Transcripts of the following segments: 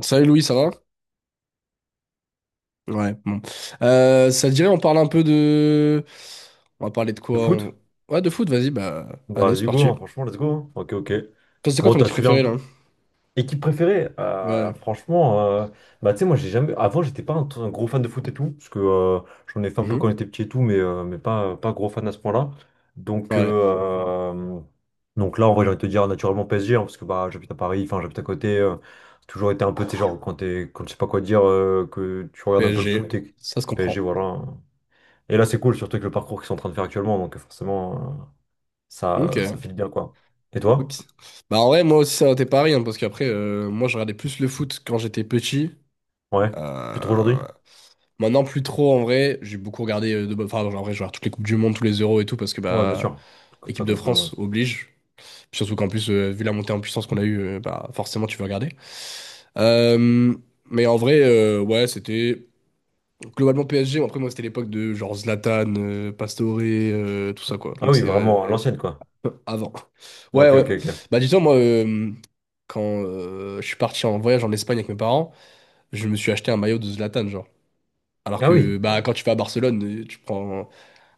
Salut Louis, ça va? Ouais, bon. Ça te dirait, on parle un peu On va parler de De quoi? Foot? Ouais, de foot, vas-y, bah Bah, allez, c'est vas-y, go, parti. hein, franchement, let's go, hein. Ok, ok. Toi, c'est quoi Bon, ton t'as équipe suivi un préférée là? peu. Équipe préférée? Ouais. Franchement, bah, tu sais, moi, j'ai jamais. Avant, j'étais pas un gros fan de foot et tout, parce que j'en ai fait un peu quand Mhm. j'étais petit et tout, mais pas gros fan à ce point-là. Donc, Ouais, euh, euh, donc là, en vrai, j'ai envie de te dire naturellement PSG, hein, parce que bah, j'habite à Paris, enfin, j'habite à côté. C'est toujours été un peu, tu sais, genre, quand je sais pas quoi dire, que tu regardes un peu le PSG, foot et que ça se PSG, comprend. voilà, hein. Et là, c'est cool, surtout avec le parcours qu'ils sont en train de faire actuellement, donc forcément. Ça, ça Ok. file bien, quoi. Et Ok. toi? Bah en vrai, moi aussi, ça t'es pareil, hein, parce qu'après, moi, je regardais plus le foot quand j'étais petit. Ouais. Plus trop aujourd'hui? Euh, Maintenant, plus trop, en vrai. J'ai beaucoup regardé, enfin, en vrai, je regarde toutes les Coupes du Monde, tous les Euros et tout, parce que, Ouais, bien bah, sûr. Comme ça, équipe de comme tout le monde. France Ouais. oblige. Puis surtout qu'en plus, vu la montée en puissance qu'on a eue, bah, forcément, tu veux regarder. Euh, mais en vrai, ouais, c'était globalement PSG. Après, moi, c'était l'époque de genre Zlatan, Pastore, tout ça, quoi. Ah Donc, oui, c'est ouais, vraiment, à l'ancienne, quoi. avant. Ouais, Ok, ouais. ok, ok. Bah, dis-toi, moi, quand je suis parti en voyage en Espagne avec mes parents, je me suis acheté un maillot de Zlatan, genre. Alors Ah que, oui. bah, quand tu vas à Barcelone, tu prends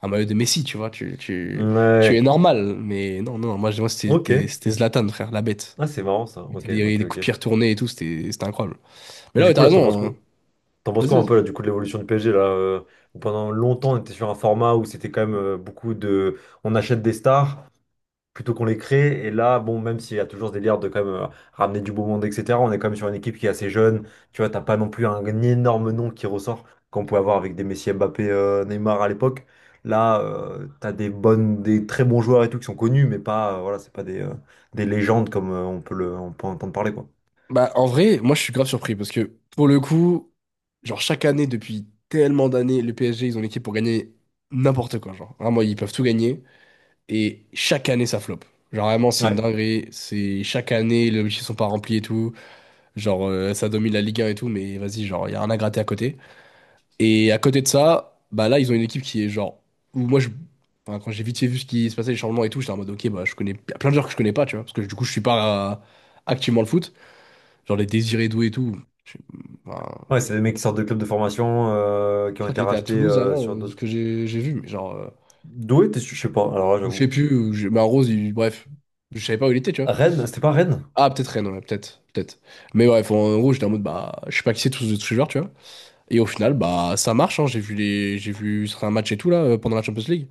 un maillot de Messi, tu vois. Tu es Ouais. normal. Mais non, non, moi, moi, c'était c'était Ok. c'était Zlatan, frère, la bête Ah, c'est marrant, ça. mettait Ok, des, ok, des coups de ok. pierre tournés et tout, c'était incroyable. Mais Et là, du ouais, coup, t'as là, t'en penses raison, quoi? hein. T'en penses Vas-y, quoi un vas-y. peu, là, du coup, de l'évolution du PSG, là, où pendant longtemps, on était sur un format où c'était quand même beaucoup de. On achète des stars, plutôt qu'on les crée. Et là, bon, même s'il y a toujours ce délire de quand même ramener du beau monde, etc., on est quand même sur une équipe qui est assez jeune. Tu vois, t'as pas non plus un énorme nom qui ressort qu'on pouvait avoir avec des Messi, Mbappé, Neymar à l'époque. Là, t'as des très bons joueurs et tout qui sont connus, mais pas, voilà, c'est pas des légendes comme on peut entendre parler, quoi. Bah, en vrai, moi, je suis grave surpris parce que pour le coup, genre, chaque année, depuis tellement d'années, le PSG, ils ont l'équipe pour gagner n'importe quoi. Genre, vraiment, ils peuvent tout gagner et chaque année, ça flop. Genre, vraiment, c'est une Ouais, dinguerie. C'est chaque année, les objectifs sont pas remplis et tout. Ça domine la Ligue 1 et tout, mais vas-y, genre, il y a rien à gratter à côté. Et à côté de ça, bah là, ils ont une équipe qui est genre. Où moi, enfin, quand j'ai vite fait vu ce qui se passait, les changements et tout, j'étais en mode, ok, bah, je connais il y a plein de joueurs que je connais pas, tu vois. Parce que du coup, je suis pas activement le foot. Genre les Désiré Doué et tout. Je, enfin, ouais, c'est des mecs qui sortent de clubs de formation, qui je ont crois été qu'il était à rachetés Toulouse avant, sur de ce d'autres. que j'ai vu. Mais genre. D'où était, je sais pas, alors là, Ou je sais j'avoue. plus. Mais en Rose, bref. Je savais pas où il était, tu vois. Rennes, c'était pas Rennes? Ah, peut-être Rennes, ouais, peut-être. Peut-être. Mais bref, en gros, j'étais en mode, bah, je sais pas qui c'est tous ces joueurs, tu vois. Et au final, bah, ça marche, hein. J'ai vu ce un match et tout, là, pendant la Champions League.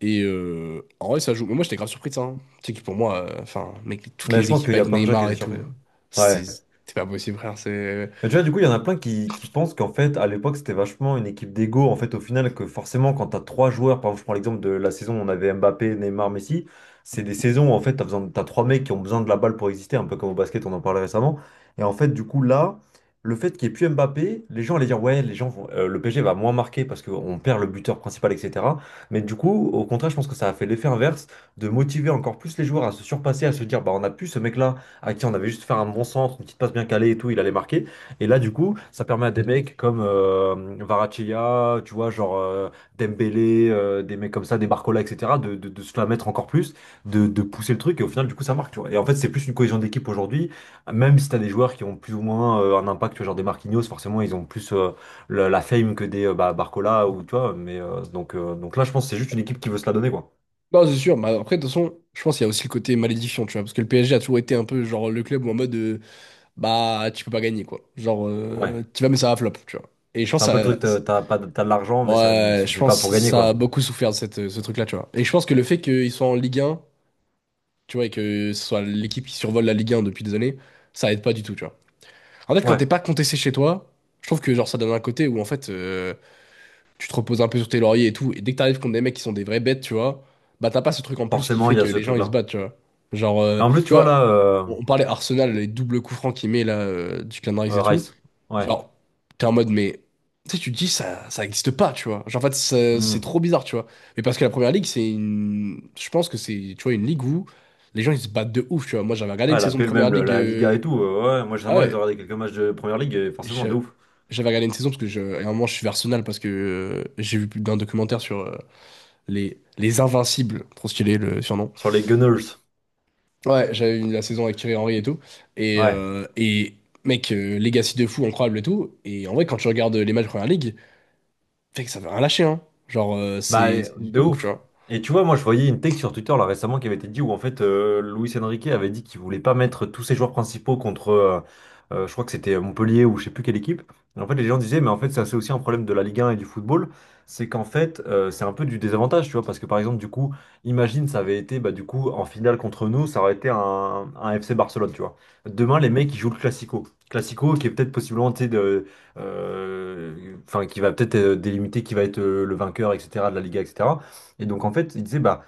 Et en vrai, ça joue. Mais moi, j'étais grave surpris de ça, hein. Tu sais que pour moi, enfin, mec, toutes Mais je les pense qu'il équipes y a avec plein de gens qui Neymar étaient et surpris. tout, c'est Ouais. c'est pas possible, frère. Mais tu vois, du coup, il y en a plein qui pensent qu'en fait, à l'époque, c'était vachement une équipe d'ego. En fait, au final, que forcément, quand tu as trois joueurs, par exemple, je prends l'exemple de la saison où on avait Mbappé, Neymar, Messi, c'est des saisons où en fait, t'as trois mecs qui ont besoin de la balle pour exister, un peu comme au basket, on en parlait récemment. Et en fait, du coup, là, le fait qu'il n'y ait plus Mbappé, les gens allaient dire, ouais, le PSG va moins marquer parce qu'on perd le buteur principal, etc. Mais du coup, au contraire, je pense que ça a fait l'effet inverse de motiver encore plus les joueurs à se surpasser, à se dire, bah, on a plus ce mec-là à qui on avait juste fait un bon centre, une petite passe bien calée et tout, il allait marquer. Et là, du coup, ça permet à des mecs comme Kvaratskhelia, tu vois, genre Dembélé, des mecs comme ça, des Barcola, etc., de se la mettre encore plus, de pousser le truc, et au final, du coup, ça marque, tu vois. Et en fait, c'est plus une cohésion d'équipe aujourd'hui, même si t'as des joueurs qui ont plus ou moins un impact, tu vois, genre des Marquinhos, forcément, ils ont plus la fame que des bah, Barcola, ou tu vois, mais donc là, je pense que c'est juste une équipe qui veut se la donner, quoi. Non, c'est sûr. Mais après, de toute façon, je pense qu'il y a aussi le côté malédiction, tu vois. Parce que le PSG a toujours été un peu genre le club où en mode bah, tu peux pas gagner, quoi. Genre, Ouais, euh, tu vas, mais ça va flop, tu vois. Et je c'est pense un que peu le truc, t'as ça. t'as pas t'as de l'argent, mais ça ne Ouais, je suffit pas pense pour que gagner, ça a quoi. beaucoup souffert de ce truc-là, tu vois. Et je pense que le fait qu'ils soient en Ligue un, tu vois, et que ce soit l'équipe qui survole la Ligue un depuis des années, ça aide pas du tout, tu vois. En fait, quand t'es Ouais, pas contesté chez toi, je trouve que genre ça donne un côté où en fait tu te reposes un peu sur tes lauriers et tout, et dès que t'arrives contre des mecs qui sont des vraies bêtes, tu vois, bah t'as pas ce truc en plus qui forcément, fait il y a que ce les gens ils se truc-là. battent, tu vois. Genre, euh, Et en plus, tu tu vois, là, vois, on parlait Arsenal, les doubles coups francs qu'il met là, du clan et tout. Rice. Ouais. Genre, t'es en mode, mais tu sais, tu te dis ça, ça existe pas, tu vois. Genre, en fait, c'est Hmm. trop bizarre, tu vois. Mais parce que la première ligue, c'est une. Je pense que c'est, tu vois, une ligue où les gens ils se battent de ouf, tu vois. Moi j'avais regardé une Ah, la saison de PL première même, ligue. Liga et euh, tout. Ouais, moi, ça Ah m'arrive de ouais, regarder quelques matchs de Première Ligue, et forcément, je- de ouf. j'avais regardé une saison parce que à un moment je suis Arsenal parce que j'ai vu plus d'un documentaire sur les Invincibles, trop stylé le surnom. Sur les Gunners. Ouais, j'avais vu la saison avec Thierry Henry et tout. Et, Ouais. euh, et mec, legacy de fou, incroyable et tout. Et en vrai, quand tu regardes les matchs de Première Ligue, mec, ça veut rien lâcher, hein. Genre, euh, Bah, c'est c'est du de comique, tu ouf. vois. Et tu vois, moi, je voyais une tech sur Twitter là récemment qui avait été dit où en fait Luis Enrique avait dit qu'il voulait pas mettre tous ses joueurs principaux contre, je crois que c'était Montpellier ou je sais plus quelle équipe. Et en fait, les gens disaient, mais en fait, ça c'est aussi un problème de la Ligue 1 et du football, c'est qu'en fait, c'est un peu du désavantage, tu vois, parce que par exemple, du coup, imagine, ça avait été, bah, du coup, en finale contre nous, ça aurait été un FC Barcelone, tu vois. Demain, les mecs, ils jouent le Classico. Classico qui est peut-être possiblement, tu sais, euh, enfin, qui va peut-être délimiter qui va être le vainqueur, etc., de la Liga, etc. Et donc, en fait, il disait, bah,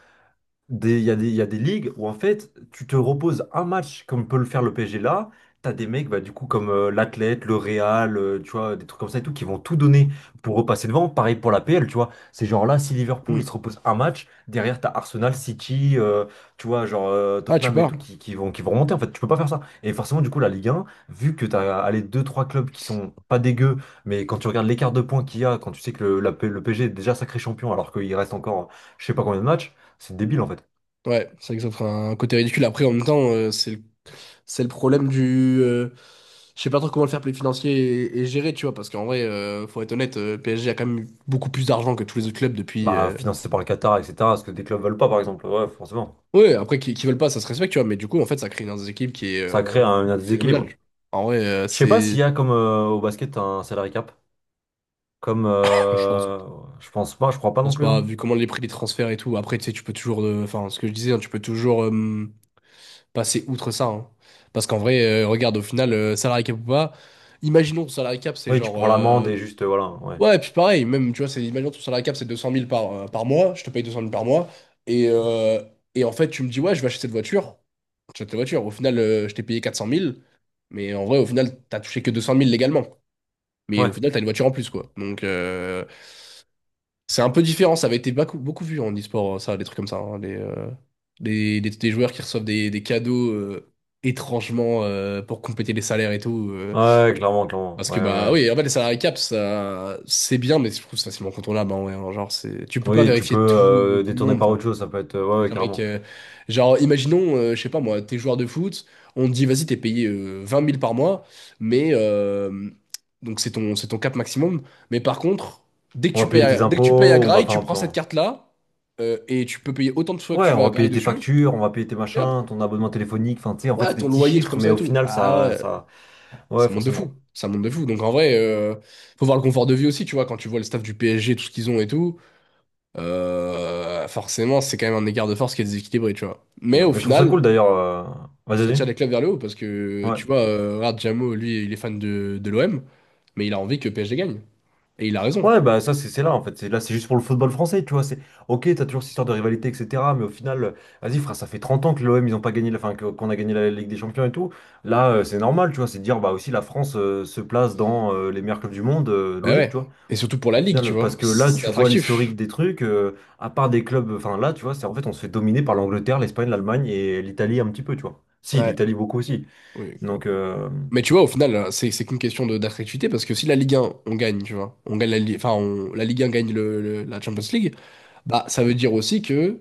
des- Il y a des, il y a des ligues où en fait tu te reposes un match comme peut le faire le PSG là. T'as des mecs bah, du coup comme l'Athlète, le Real, tu vois, des trucs comme ça et tout qui vont tout donner pour repasser devant. Pareil pour la PL, tu vois. C'est genre là si Liverpool il Mm. se repose un match, derrière t'as Arsenal, City, tu vois, genre Ah, tu Tottenham et pars. tout qui vont remonter. En fait, tu peux pas faire ça. Et forcément, du coup, la Ligue 1, vu que t'as allez, deux trois clubs qui sont pas dégueux, mais quand tu regardes l'écart de points qu'il y a, quand tu sais que le PSG est déjà sacré champion alors qu'il reste encore je sais pas combien de matchs. C'est débile en fait. Ouais, c'est vrai que ça ferait un côté ridicule. Après, en même temps, C'est le problème du. Je sais pas trop comment le fair play financier est géré, tu vois, parce qu'en vrai, faut être honnête, PSG a quand même eu beaucoup plus d'argent que tous les autres clubs depuis. Bah, euh, financé par le Qatar, etc. Parce que des clubs veulent pas, par exemple. Ouais, forcément. Ouais, après, qui veulent pas, ça se respecte, tu vois, mais du coup, en fait, ça crée une équipe qui est Ça crée un phénoménale, déséquilibre. tu vois. En vrai, Je sais pas c'est. s'il y a comme au basket un salary cap. Comme Enfin, je je pense pas, je crois pas non pense plus, pas, hein. vu comment les prix des transferts et tout. Après, tu sais, tu peux toujours. Enfin, ce que je disais, hein, tu peux toujours passer outre ça, hein. Parce qu'en vrai, regarde, au final, salary cap ou pas, imaginons, salary cap, c'est Oui, tu genre. prends l'amende euh, et juste voilà. Ouais. Ouais, et puis pareil, même, tu vois, c'est, imagine ton salaire cap, c'est 200 000 par mois, je te paye 200 000 par mois, et, euh, et en fait, tu me dis, ouais, je vais acheter cette voiture, tu achètes ta voiture, au final, je t'ai payé 400 000, mais en vrai, au final, t'as touché que 200 000 légalement, mais Ouais. au final, t'as une voiture en plus, quoi. Donc, c'est un peu différent, ça avait été beaucoup, beaucoup vu en e-sport, hein, ça, des trucs comme ça, hein, les joueurs qui reçoivent des cadeaux étrangement pour compléter les salaires et tout. Ouais, clairement, clairement. Parce Ouais, que ouais. bah Ouais. oui, en fait les salary caps, ça c'est bien, mais je trouve ça facilement contournable. Bah ouais, alors, genre c'est, tu peux pas Oui, tu vérifier peux tout, tout le détourner monde. par Enfin, autre chose. Ça peut être. euh, je ouais, veux ouais, dire mec, carrément. Genre imaginons, je sais pas moi, t'es joueur de foot, on te dit vas-y t'es payé 20 000 par mois, mais donc c'est ton cap maximum. Mais par contre, On va payer tes dès que tu payes à impôts, on va Grail, faire tu un prends peu. cette carte là et tu peux payer autant de fois que Ouais, tu veux on à va Grail payer tes dessus. factures, on va payer tes Et hop, machins, ton abonnement téléphonique. Enfin, tu sais, en fait, ouais c'est des ton petits loyer truc comme chiffres, mais ça et au tout. final, Bah ça, ouais, ça. ça Ouais, monte de forcément. fou, ça monte de fou. Donc en vrai, faut voir le confort de vie aussi, tu vois, quand tu vois le staff du PSG, tout ce qu'ils ont et tout, forcément, c'est quand même un écart de force qui est déséquilibré, tu vois. Mais Donc, au et je trouve ça final, cool d'ailleurs. Vas-y, ça vas-y. tire les clubs vers le haut parce que, Ouais. tu vois, regarde, Diamo, lui, il est fan de l'OM, mais il a envie que PSG gagne. Et il a raison. Ouais, bah ça, c'est là en fait. Là, c'est juste pour le football français, tu vois. C'est ok, t'as toujours cette histoire de rivalité, etc. Mais au final, vas-y, frère, ça fait 30 ans que l'OM, ils ont pas gagné, enfin, qu'on a gagné la Ligue des Champions et tout. Là, c'est normal, tu vois. C'est de dire, bah aussi, la France se place dans les meilleurs clubs du monde, Bah logique, ouais. tu vois. Et surtout pour la Au Ligue, tu final, parce vois, que là, c'est tu vois attractif. l'historique des trucs, à part des clubs, enfin là, tu vois, c'est en fait, on se fait dominer par l'Angleterre, l'Espagne, l'Allemagne et l'Italie un petit peu, tu vois. Si, Ouais. l'Italie beaucoup aussi. Oui, quoi. Donc. Mais tu vois, au final, c'est qu'une question d'attractivité parce que si la Ligue 1, on gagne, tu vois, on gagne la, Li- enfin, on- la Ligue 1 gagne la Champions League. Bah, ça veut dire aussi que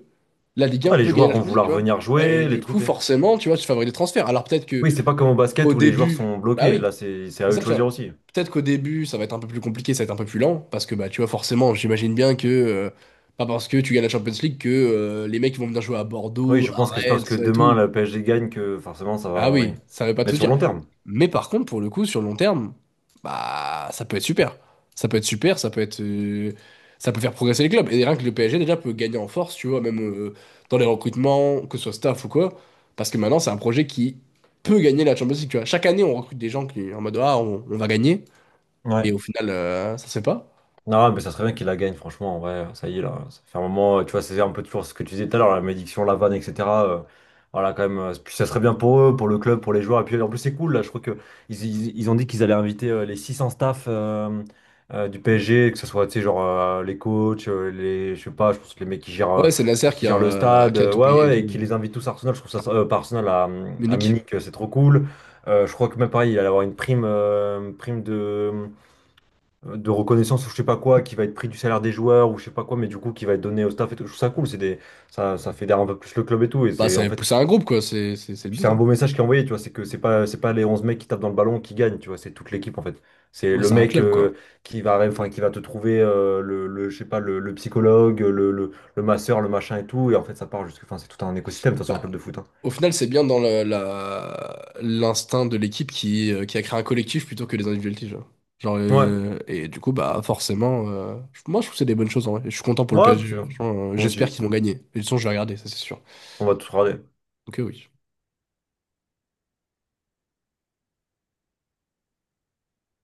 la Ligue 1 Ah, les peut gagner joueurs la vont Champions League, tu vouloir vois. venir Et jouer, les du coup, trucs. Forcément, tu vois, tu favorises les transferts. Alors peut-être que Oui, c'est pas comme au au basket où les joueurs début, sont bah bloqués. oui, Là, c'est à c'est eux ça, de tu choisir vois. aussi. Peut-être qu'au début, ça va être un peu plus compliqué, ça va être un peu plus lent, parce que bah tu vois, forcément, j'imagine bien que pas parce que tu gagnes la Champions League que les mecs ils vont venir jouer à Oui, Bordeaux, je à pense que c'est pas Rennes, parce tout que ça et demain tout. la PSG gagne que forcément ça Ah va. Oui, oui, ça veut pas mais tout sur le dire. long terme. Mais par contre, pour le coup, sur le long terme, bah ça peut être super. Ça peut être super, ça peut faire progresser les clubs. Et rien que le PSG déjà peut gagner en force, tu vois, même dans les recrutements, que ce soit staff ou quoi. Parce que maintenant, c'est un projet qui peut gagner la Champions League, tu vois. Chaque année, on recrute des gens qui en mode ah on va gagner, mais Ouais. au final, ça se fait pas. Non, mais ça serait bien qu'il la gagne, franchement, en vrai, ça y est, là, ça fait un moment, tu vois, c'est un peu toujours ce que tu disais tout à l'heure, la malédiction, la vanne, etc., euh, voilà, quand même, puis ça serait bien pour eux, pour le club, pour les joueurs, et puis en plus, c'est cool, là, je crois que ils ont dit qu'ils allaient inviter les 600 staff du PSG, que ce soit, tu sais, genre, les coachs, je sais pas, je pense que les mecs qui gèrent, euh, Ouais, c'est Nasser qui gèrent le stade, qui a tout ouais, payé et ouais, et qui tout. les invitent tous à Arsenal, je trouve ça, pas Arsenal, à Munich. Munich, c'est trop cool. Je crois que même pareil, il allait avoir une prime, prime de de reconnaissance ou je sais pas quoi, qui va être pris du salaire des joueurs ou je sais pas quoi, mais du coup qui va être donné au staff et tout. Je trouve ça cool, c'est des, ça fédère un peu plus le club et tout. Et Bah c'est en c'est fait, un groupe quoi, c'est le c'est but, un hein. beau message qui est envoyé, tu vois. C'est que c'est pas, les 11 mecs qui tapent dans le ballon qui gagnent, tu vois. C'est toute l'équipe en fait. C'est Bah le c'est un mec club quoi. Enfin, qui va te trouver je sais pas, le psychologue, le masseur, le machin et tout. Et en fait, ça part jusque, enfin, c'est tout un écosystème, de toute façon, un Bah, club de foot, hein. au final, c'est bien dans l'instinct de l'équipe qui a créé un collectif plutôt que des individualités. Ouais, Et du coup, bah forcément, moi je trouve que c'est des bonnes choses en vrai. Je suis content pour le ouais, puis, PSG. Franchement, moi j'espère aussi, qu'ils vont gagner. Et de toute façon, je vais regarder, ça c'est sûr. on va tout regarder. Donc oui.